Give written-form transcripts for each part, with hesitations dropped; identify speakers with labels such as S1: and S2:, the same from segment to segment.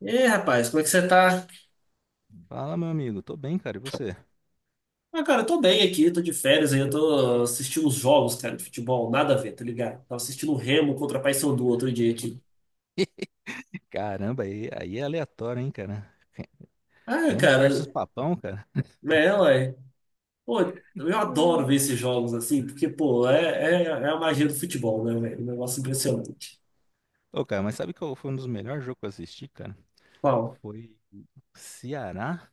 S1: E aí, rapaz, como é que você tá?
S2: Fala, meu amigo. Tô bem, cara. E você?
S1: Ah, cara, eu tô bem aqui, tô de férias aí, eu tô assistindo os jogos, cara, de futebol, nada a ver, tá ligado? Tava assistindo o Remo contra a Paysandu outro dia aqui.
S2: Caramba, aí é aleatório, hein, cara?
S1: Ah,
S2: Remo
S1: cara,
S2: versus Papão, cara.
S1: é, ué. Pô, eu adoro ver esses jogos assim, porque, pô, é a magia do futebol, né, velho? Um negócio impressionante.
S2: Ô, cara, mas sabe qual foi um dos melhores jogos que eu assisti, cara?
S1: Qual?
S2: Foi Ceará.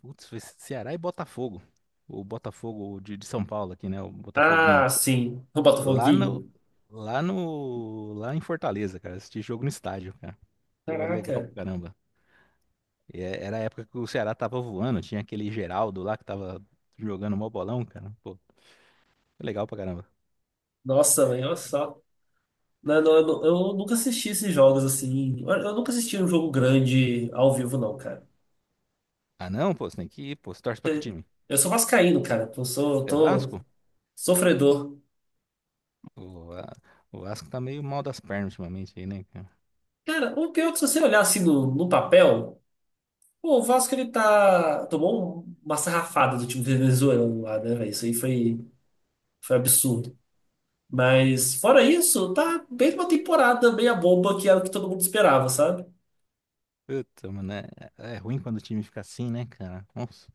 S2: Putz, foi Ceará e Botafogo. O Botafogo de São Paulo aqui, né? O Botafoguinho.
S1: Ah, sim, o
S2: Lá no.
S1: Botafoguinho.
S2: Lá no. Lá em Fortaleza, cara. Assisti jogo no estádio, cara. Pô, legal
S1: Caraca,
S2: pra caramba. E era a época que o Ceará tava voando. Tinha aquele Geraldo lá que tava jogando mó bolão, cara. Pô, legal pra caramba.
S1: nossa, velho, olha só. Não, eu nunca assisti esses jogos assim. Eu nunca assisti um jogo grande ao vivo, não, cara.
S2: Ah, não, pô, você tem que ir, pô. Você torce pra que time?
S1: Eu sou vascaíno, cara. Eu sou,
S2: É
S1: tô
S2: Vasco?
S1: sofredor.
S2: O, a- o Vasco tá meio mal das pernas ultimamente aí, né, cara?
S1: Cara, o pior é que se você olhar assim no papel, pô, o Vasco ele tá. Tomou uma sarrafada do time venezuelano lá, né, velho? Foi absurdo. Mas, fora isso, tá bem uma temporada meia bomba que era o que todo mundo esperava, sabe?
S2: Puta, mano, é ruim quando o time fica assim, né, cara? Nossa,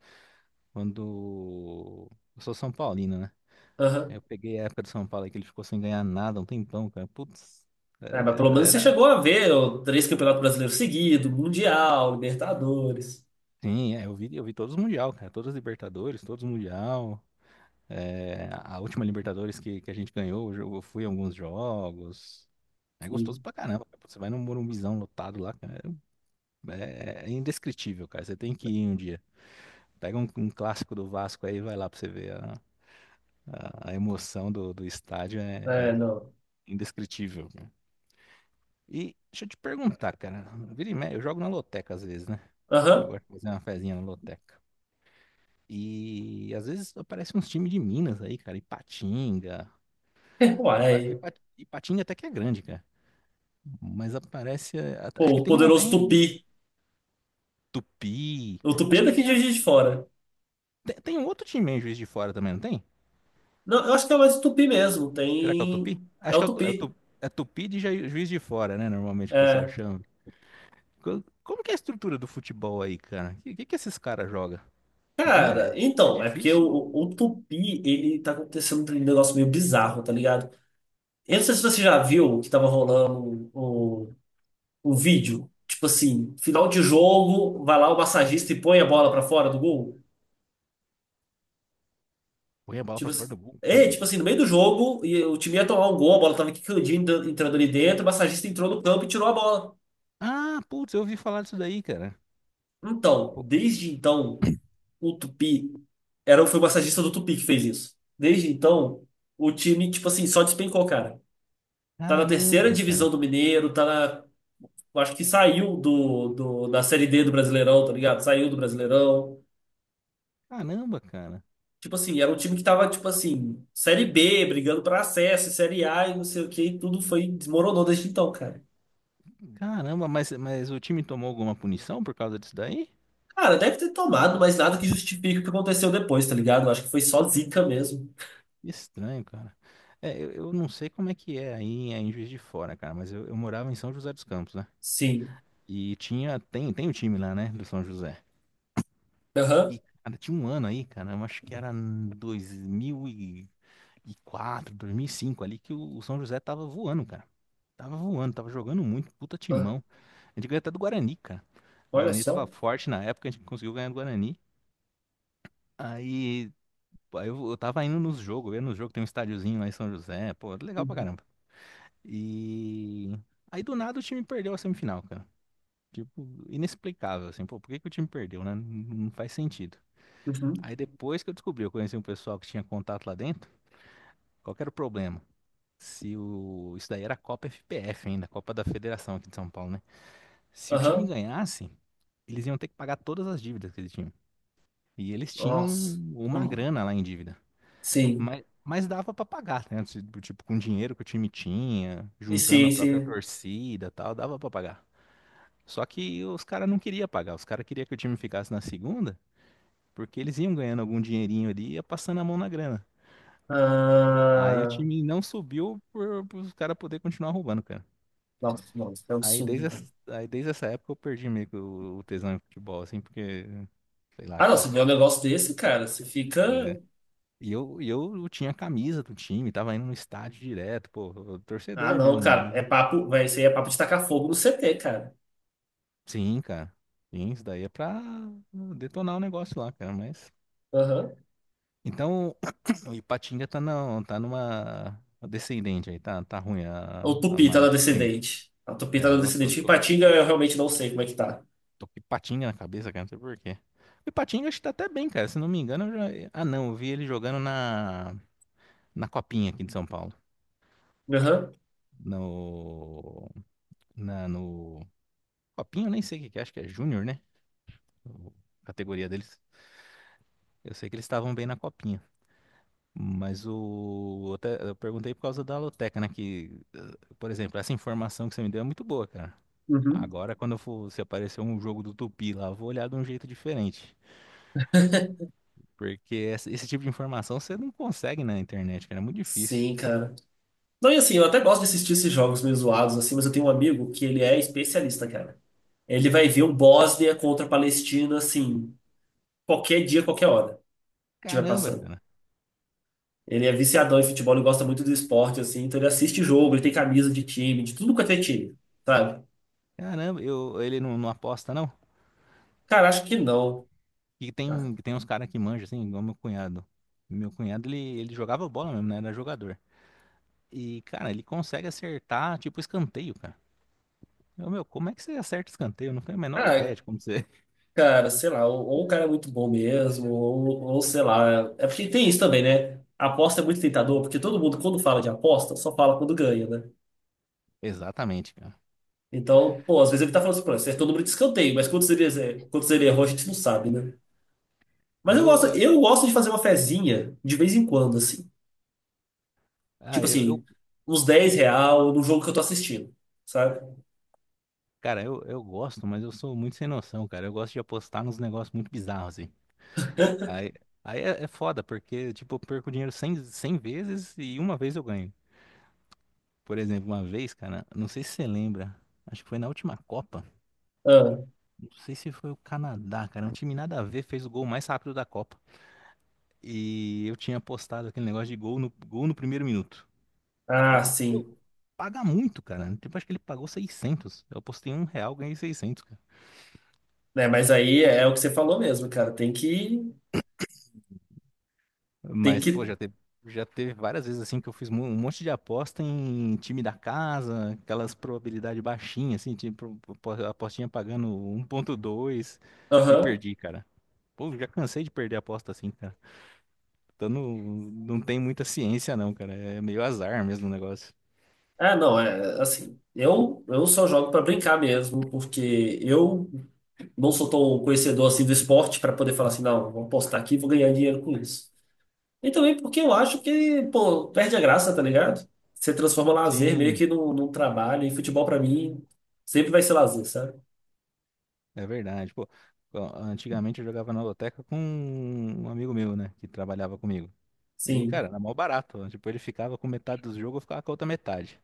S2: quando. Eu sou São Paulino, né?
S1: Aham.
S2: Eu peguei a época do São Paulo aí que ele ficou sem ganhar nada um tempão, cara. Putz,
S1: É, mas pelo
S2: era,
S1: menos você
S2: era...
S1: chegou a ver ó, três campeonatos brasileiros seguidos, Mundial, Libertadores.
S2: Sim, é, eu vi todos os Mundial, cara. Todos os Libertadores, todos os Mundial. É, a última Libertadores que a gente ganhou, eu fui em alguns jogos. É gostoso
S1: Sim.
S2: pra caramba, cara. Você vai num Morumbizão lotado lá, cara. É indescritível, cara. Você tem que ir um dia. Pega um clássico do Vasco aí e vai lá pra você ver. A emoção do estádio é
S1: É, não.
S2: é indescritível, cara. E deixa eu te perguntar, cara. Vira e mexe, eu jogo na loteca às vezes, né? Eu
S1: Aham.
S2: gosto de fazer uma fezinha na loteca. E às vezes aparecem uns times de Minas aí, cara. Ipatinga.
S1: Uai.
S2: Ipatinga até que é grande, cara. Mas aparece.
S1: Pô,
S2: Acho que
S1: o
S2: tem um até
S1: poderoso
S2: em
S1: Tupi.
S2: Tupi.
S1: O Tupi
S2: Acho
S1: é
S2: que
S1: daqui de
S2: tem, a-
S1: Juiz de Fora.
S2: tem, tem um outro time em Juiz de Fora também, não tem?
S1: Não, eu acho que é mais o Tupi mesmo.
S2: Será que é o
S1: Tem.
S2: Tupi?
S1: É
S2: Acho
S1: o
S2: que é o, Tu- é o
S1: Tupi.
S2: Tu- é Tupi de Juiz de Fora, né? Normalmente o pessoal
S1: É.
S2: chama. Como que é a estrutura do futebol aí, cara? O que que esses caras jogam? Porque meu,
S1: Cara,
S2: é
S1: então,
S2: difícil
S1: o Tupi, ele tá acontecendo um negócio meio bizarro, tá ligado? Eu não sei se você já viu que tava rolando um vídeo. Tipo assim, final de jogo, vai lá o massagista e põe a bola pra fora do gol.
S2: correr a bola
S1: Tipo
S2: pra fora
S1: assim.
S2: do gol.
S1: É, tipo
S2: Hum.
S1: assim, no meio do jogo, e o time ia tomar um gol, a bola tava quicandinha entrando ali dentro, o massagista entrou no campo e tirou a bola.
S2: Ah, putz, eu ouvi falar disso daí, cara.
S1: Então,
S2: Pô,
S1: desde então. O Tupi era, foi o massagista do Tupi que fez isso. Desde então, o time, tipo assim, só despencou, cara. Tá na terceira
S2: caramba,
S1: divisão
S2: cara.
S1: do Mineiro, tá na. Eu acho que saiu da Série D do Brasileirão, tá ligado? Saiu do Brasileirão.
S2: Caramba, cara.
S1: Tipo assim, era um time que tava, tipo assim, Série B, brigando pra acesso, Série A e não sei o que, e tudo foi, desmoronou desde então, cara.
S2: Caramba, mas o time tomou alguma punição por causa disso daí?
S1: Cara, deve ter tomado, mas nada que justifique o que aconteceu depois, tá ligado? Eu acho que foi só zica mesmo.
S2: Estranho, cara. É, eu não sei como é que é aí em Juiz de Fora, cara, mas eu morava em São José dos Campos, né?
S1: Sim.
S2: E tem o time lá, né, do São José.
S1: Aham.
S2: E, cara, tinha um ano aí, cara, eu acho que era dois mil e quatro, 2005 ali, que o São José tava voando, cara. Tava voando, tava jogando muito, puta
S1: Ah,
S2: timão. A gente ganhou até do Guarani, cara. O
S1: olha
S2: Guarani tava
S1: só.
S2: forte na época, a gente conseguiu ganhar do Guarani. Aí, pô, eu tava indo nos jogos, eu ia nos jogos, tem um estádiozinho lá em São José, pô, legal pra
S1: Uhum.
S2: caramba. E aí do nada o time perdeu a semifinal, cara. Tipo, inexplicável, assim, pô, por que que o time perdeu, né? Não faz sentido.
S1: Uhum.
S2: Aí depois que eu descobri, eu conheci um pessoal que tinha contato lá dentro, qual que era o problema? Se o... Isso daí era a Copa FPF ainda, a Copa da Federação aqui de São Paulo, né? Se o time
S1: Aham.
S2: ganhasse, eles iam ter que pagar todas as dívidas que eles tinham. E eles tinham
S1: Nossa.
S2: uma
S1: Hum,
S2: grana lá em dívida.
S1: Sim.
S2: Mas dava pra pagar, né? Tipo, com o dinheiro que o time tinha,
S1: E
S2: juntando
S1: sim,
S2: a própria
S1: sim.
S2: torcida e tal, dava pra pagar. Só que os caras não queriam pagar, os caras queriam que o time ficasse na segunda porque eles iam ganhando algum dinheirinho ali e ia passando a mão na grana. Aí o
S1: Ah,
S2: time não subiu por os caras poder continuar roubando, cara.
S1: nossa, nossa, é um
S2: Aí desde,
S1: absurdo.
S2: essa- aí desde essa época eu perdi meio que o tesão em futebol, assim, porque, sei lá,
S1: Ah, não,
S2: cara.
S1: você vê um negócio desse, cara, você fica.
S2: É. E eu tinha a camisa do time, tava indo no estádio direto, pô,
S1: Ah,
S2: torcedor
S1: não,
S2: mesmo,
S1: cara, é
S2: né?
S1: papo, vai ser papo de tacar fogo no CT, cara.
S2: Sim, cara. Sim, isso daí é pra detonar o negócio lá, cara, mas...
S1: Aham.
S2: Então, o Ipatinga tá, não, tá numa descendente aí, tá ruim a,
S1: O
S2: a
S1: Tupi tá na
S2: maré do time.
S1: descendente. A Tupi tá
S2: É,
S1: na
S2: nossa, eu
S1: descendente.
S2: tô, tô,
S1: Ipatinga,
S2: tô,
S1: eu realmente não sei como é que tá.
S2: tô com patinha na cabeça, cara, não sei por quê. O Patinho acho que tá até bem, cara, se não me engano. Ah, não, eu vi ele jogando na Copinha aqui de São Paulo.
S1: Aham.
S2: No. Na, no. Copinha, eu nem sei o que que é, acho que é Júnior, né? O- a categoria deles. Eu sei que eles estavam bem na Copinha. Mas o. Eu perguntei por causa da Loteca, né? Que, por exemplo, essa informação que você me deu é muito boa, cara.
S1: Uhum.
S2: Agora, quando eu for, se aparecer um jogo do Tupi lá, eu vou olhar de um jeito diferente. Porque esse tipo de informação você não consegue na internet, cara. É muito difícil.
S1: Sim, cara. Não, e assim, eu até gosto de assistir esses jogos meio zoados, assim, mas eu tenho um amigo que ele é especialista, cara. Ele vai ver o Bósnia contra a Palestina, assim, qualquer dia, qualquer hora estiver
S2: Caramba,
S1: passando.
S2: cara.
S1: Ele é viciadão em futebol, ele gosta muito do esporte, assim, então ele assiste jogo, ele tem camisa de time, de tudo quanto é time, sabe?
S2: Caramba, ele não, não aposta, não?
S1: Cara, acho que não.
S2: E
S1: Ah,
S2: tem uns caras que manjam, assim, igual meu cunhado. Meu cunhado, ele jogava bola mesmo, né? Era jogador. E, cara, ele consegue acertar, tipo, escanteio, cara. Meu, como é que você acerta escanteio? Eu não tenho a menor
S1: ah,
S2: ideia de como você...
S1: cara, sei lá, ou o cara é muito bom mesmo, ou sei lá. É porque tem isso também, né? A aposta é muito tentador, porque todo mundo, quando fala de aposta, só fala quando ganha, né?
S2: Exatamente, cara.
S1: Então, pô, às vezes ele tá falando assim, pô, acertou o número de escanteio, mas quantos ele errou, a gente não sabe, né? Mas eu gosto,
S2: Eu,
S1: eu gosto de fazer uma fezinha de vez em quando, assim.
S2: ah,
S1: Tipo assim,
S2: eu-
S1: uns 10 real no jogo que eu tô assistindo, sabe?
S2: cara, eu gosto, mas eu sou muito sem noção, cara. Eu gosto de apostar nos negócios muito bizarros, assim. Aí, aí, é foda, porque, tipo, eu perco dinheiro cem vezes e uma vez eu ganho. Por exemplo, uma vez, cara, não sei se você lembra, acho que foi na última Copa,
S1: Ah,
S2: não sei se foi o Canadá, cara, um time nada a ver, fez o gol mais rápido da Copa. E eu tinha apostado aquele negócio de gol no primeiro minuto.
S1: ah,
S2: Eu, eu,
S1: sim.
S2: paga muito, cara. Tipo, acho que ele pagou 600. Eu apostei R$ 1, ganhei 600.
S1: Né, mas aí é o que você falou mesmo, cara. Tem que. Tem
S2: Mas, pô,
S1: que.
S2: já teve várias vezes assim que eu fiz um monte de aposta em time da casa, aquelas probabilidade baixinha, assim, tipo, apostinha pagando 1,2 e
S1: Aham.
S2: perdi, cara. Pô, já cansei de perder aposta assim, cara. Então não tem muita ciência, não, cara. É meio azar mesmo o negócio.
S1: Ah, não, é assim. Eu só jogo pra brincar mesmo, porque eu não sou tão conhecedor assim do esporte pra poder falar assim, não, vou postar aqui e vou ganhar dinheiro com isso. E também porque eu acho que, pô, perde a graça, tá ligado? Você transforma lazer meio
S2: Sim,
S1: que num trabalho, e futebol pra mim sempre vai ser lazer, sabe?
S2: é verdade. Pô, ó, antigamente eu jogava na loteca com um amigo meu, né, que trabalhava comigo. E,
S1: Sim,
S2: cara, era mó barato, ó. Tipo, ele ficava com metade dos jogos, eu ficava com a outra metade.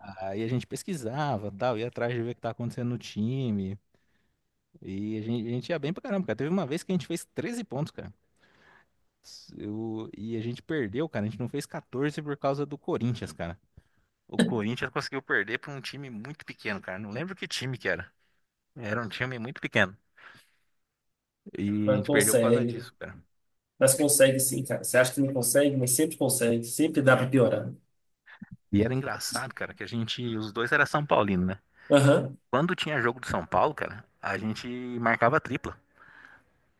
S2: Aí a gente pesquisava, tal, ia atrás de ver o que tá acontecendo no time. E a gente ia bem pra caramba, cara. Teve uma vez que a gente fez 13 pontos, cara. E a gente perdeu, cara. A gente não fez 14 por causa do Corinthians, cara. O Corinthians conseguiu perder pra um time muito pequeno, cara. Não lembro que time que era. Era um time muito pequeno. E a
S1: mas
S2: gente perdeu por causa
S1: consegue.
S2: disso, cara.
S1: Mas consegue sim, cara. Você acha que não consegue, mas sempre consegue. Sempre dá pra piorar.
S2: E era engraçado, cara, que a gente, os dois era São Paulino, né?
S1: Aham.
S2: Quando tinha jogo do São Paulo, cara, a gente marcava tripla.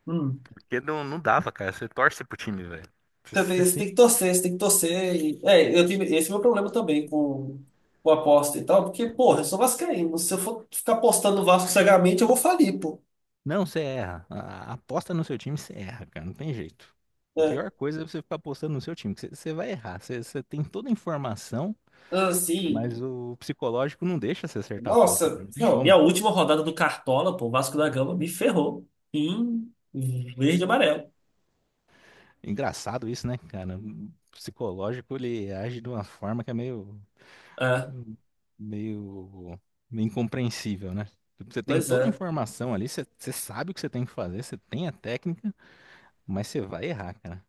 S1: Hum.
S2: Porque não dava, cara. Você torce pro time, velho. Você
S1: Também você tem que torcer, você tem que torcer. E, é, eu tive esse o meu problema também com aposta e tal, porque, porra, eu sou vascaíno. Se eu for ficar apostando no Vasco cegamente, eu vou falir, pô.
S2: Não, você erra. Aposta no seu time, você erra, cara. Não tem jeito. A
S1: Né?
S2: pior coisa é você ficar apostando no seu time, que você vai errar. Você tem toda a informação, mas
S1: Assim,
S2: o psicológico não deixa você acertar a aposta, cara.
S1: nossa,
S2: Não tem
S1: não, minha
S2: como.
S1: última rodada do Cartola, pô, o Vasco da Gama me ferrou. Em verde e amarelo.
S2: Engraçado isso, né, cara? O psicológico, ele age de uma forma que é
S1: Ah,
S2: meio, meio incompreensível, né? Tipo, você tem
S1: pois
S2: toda a
S1: é.
S2: informação ali, você sabe o que você tem que fazer, você tem a técnica, mas você vai errar, cara.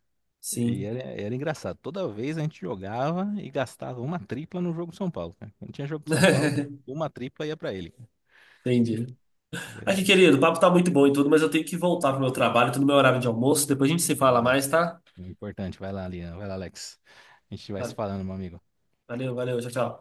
S2: E
S1: Sim.
S2: era engraçado. Toda vez a gente jogava e gastava uma tripla no jogo de São Paulo, cara. Quando tinha jogo de São Paulo, uma tripla ia pra ele.
S1: Entendi. Aqui,
S2: É,
S1: querido, o papo tá muito bom e tudo, mas eu tenho que voltar pro meu trabalho, tô no meu horário de almoço. Depois a gente se fala mais, tá?
S2: é importante. Vai lá, Lian. Vai lá, Alex. A gente vai se
S1: Vale,
S2: falando, meu amigo.
S1: valeu, valeu, tchau, tchau.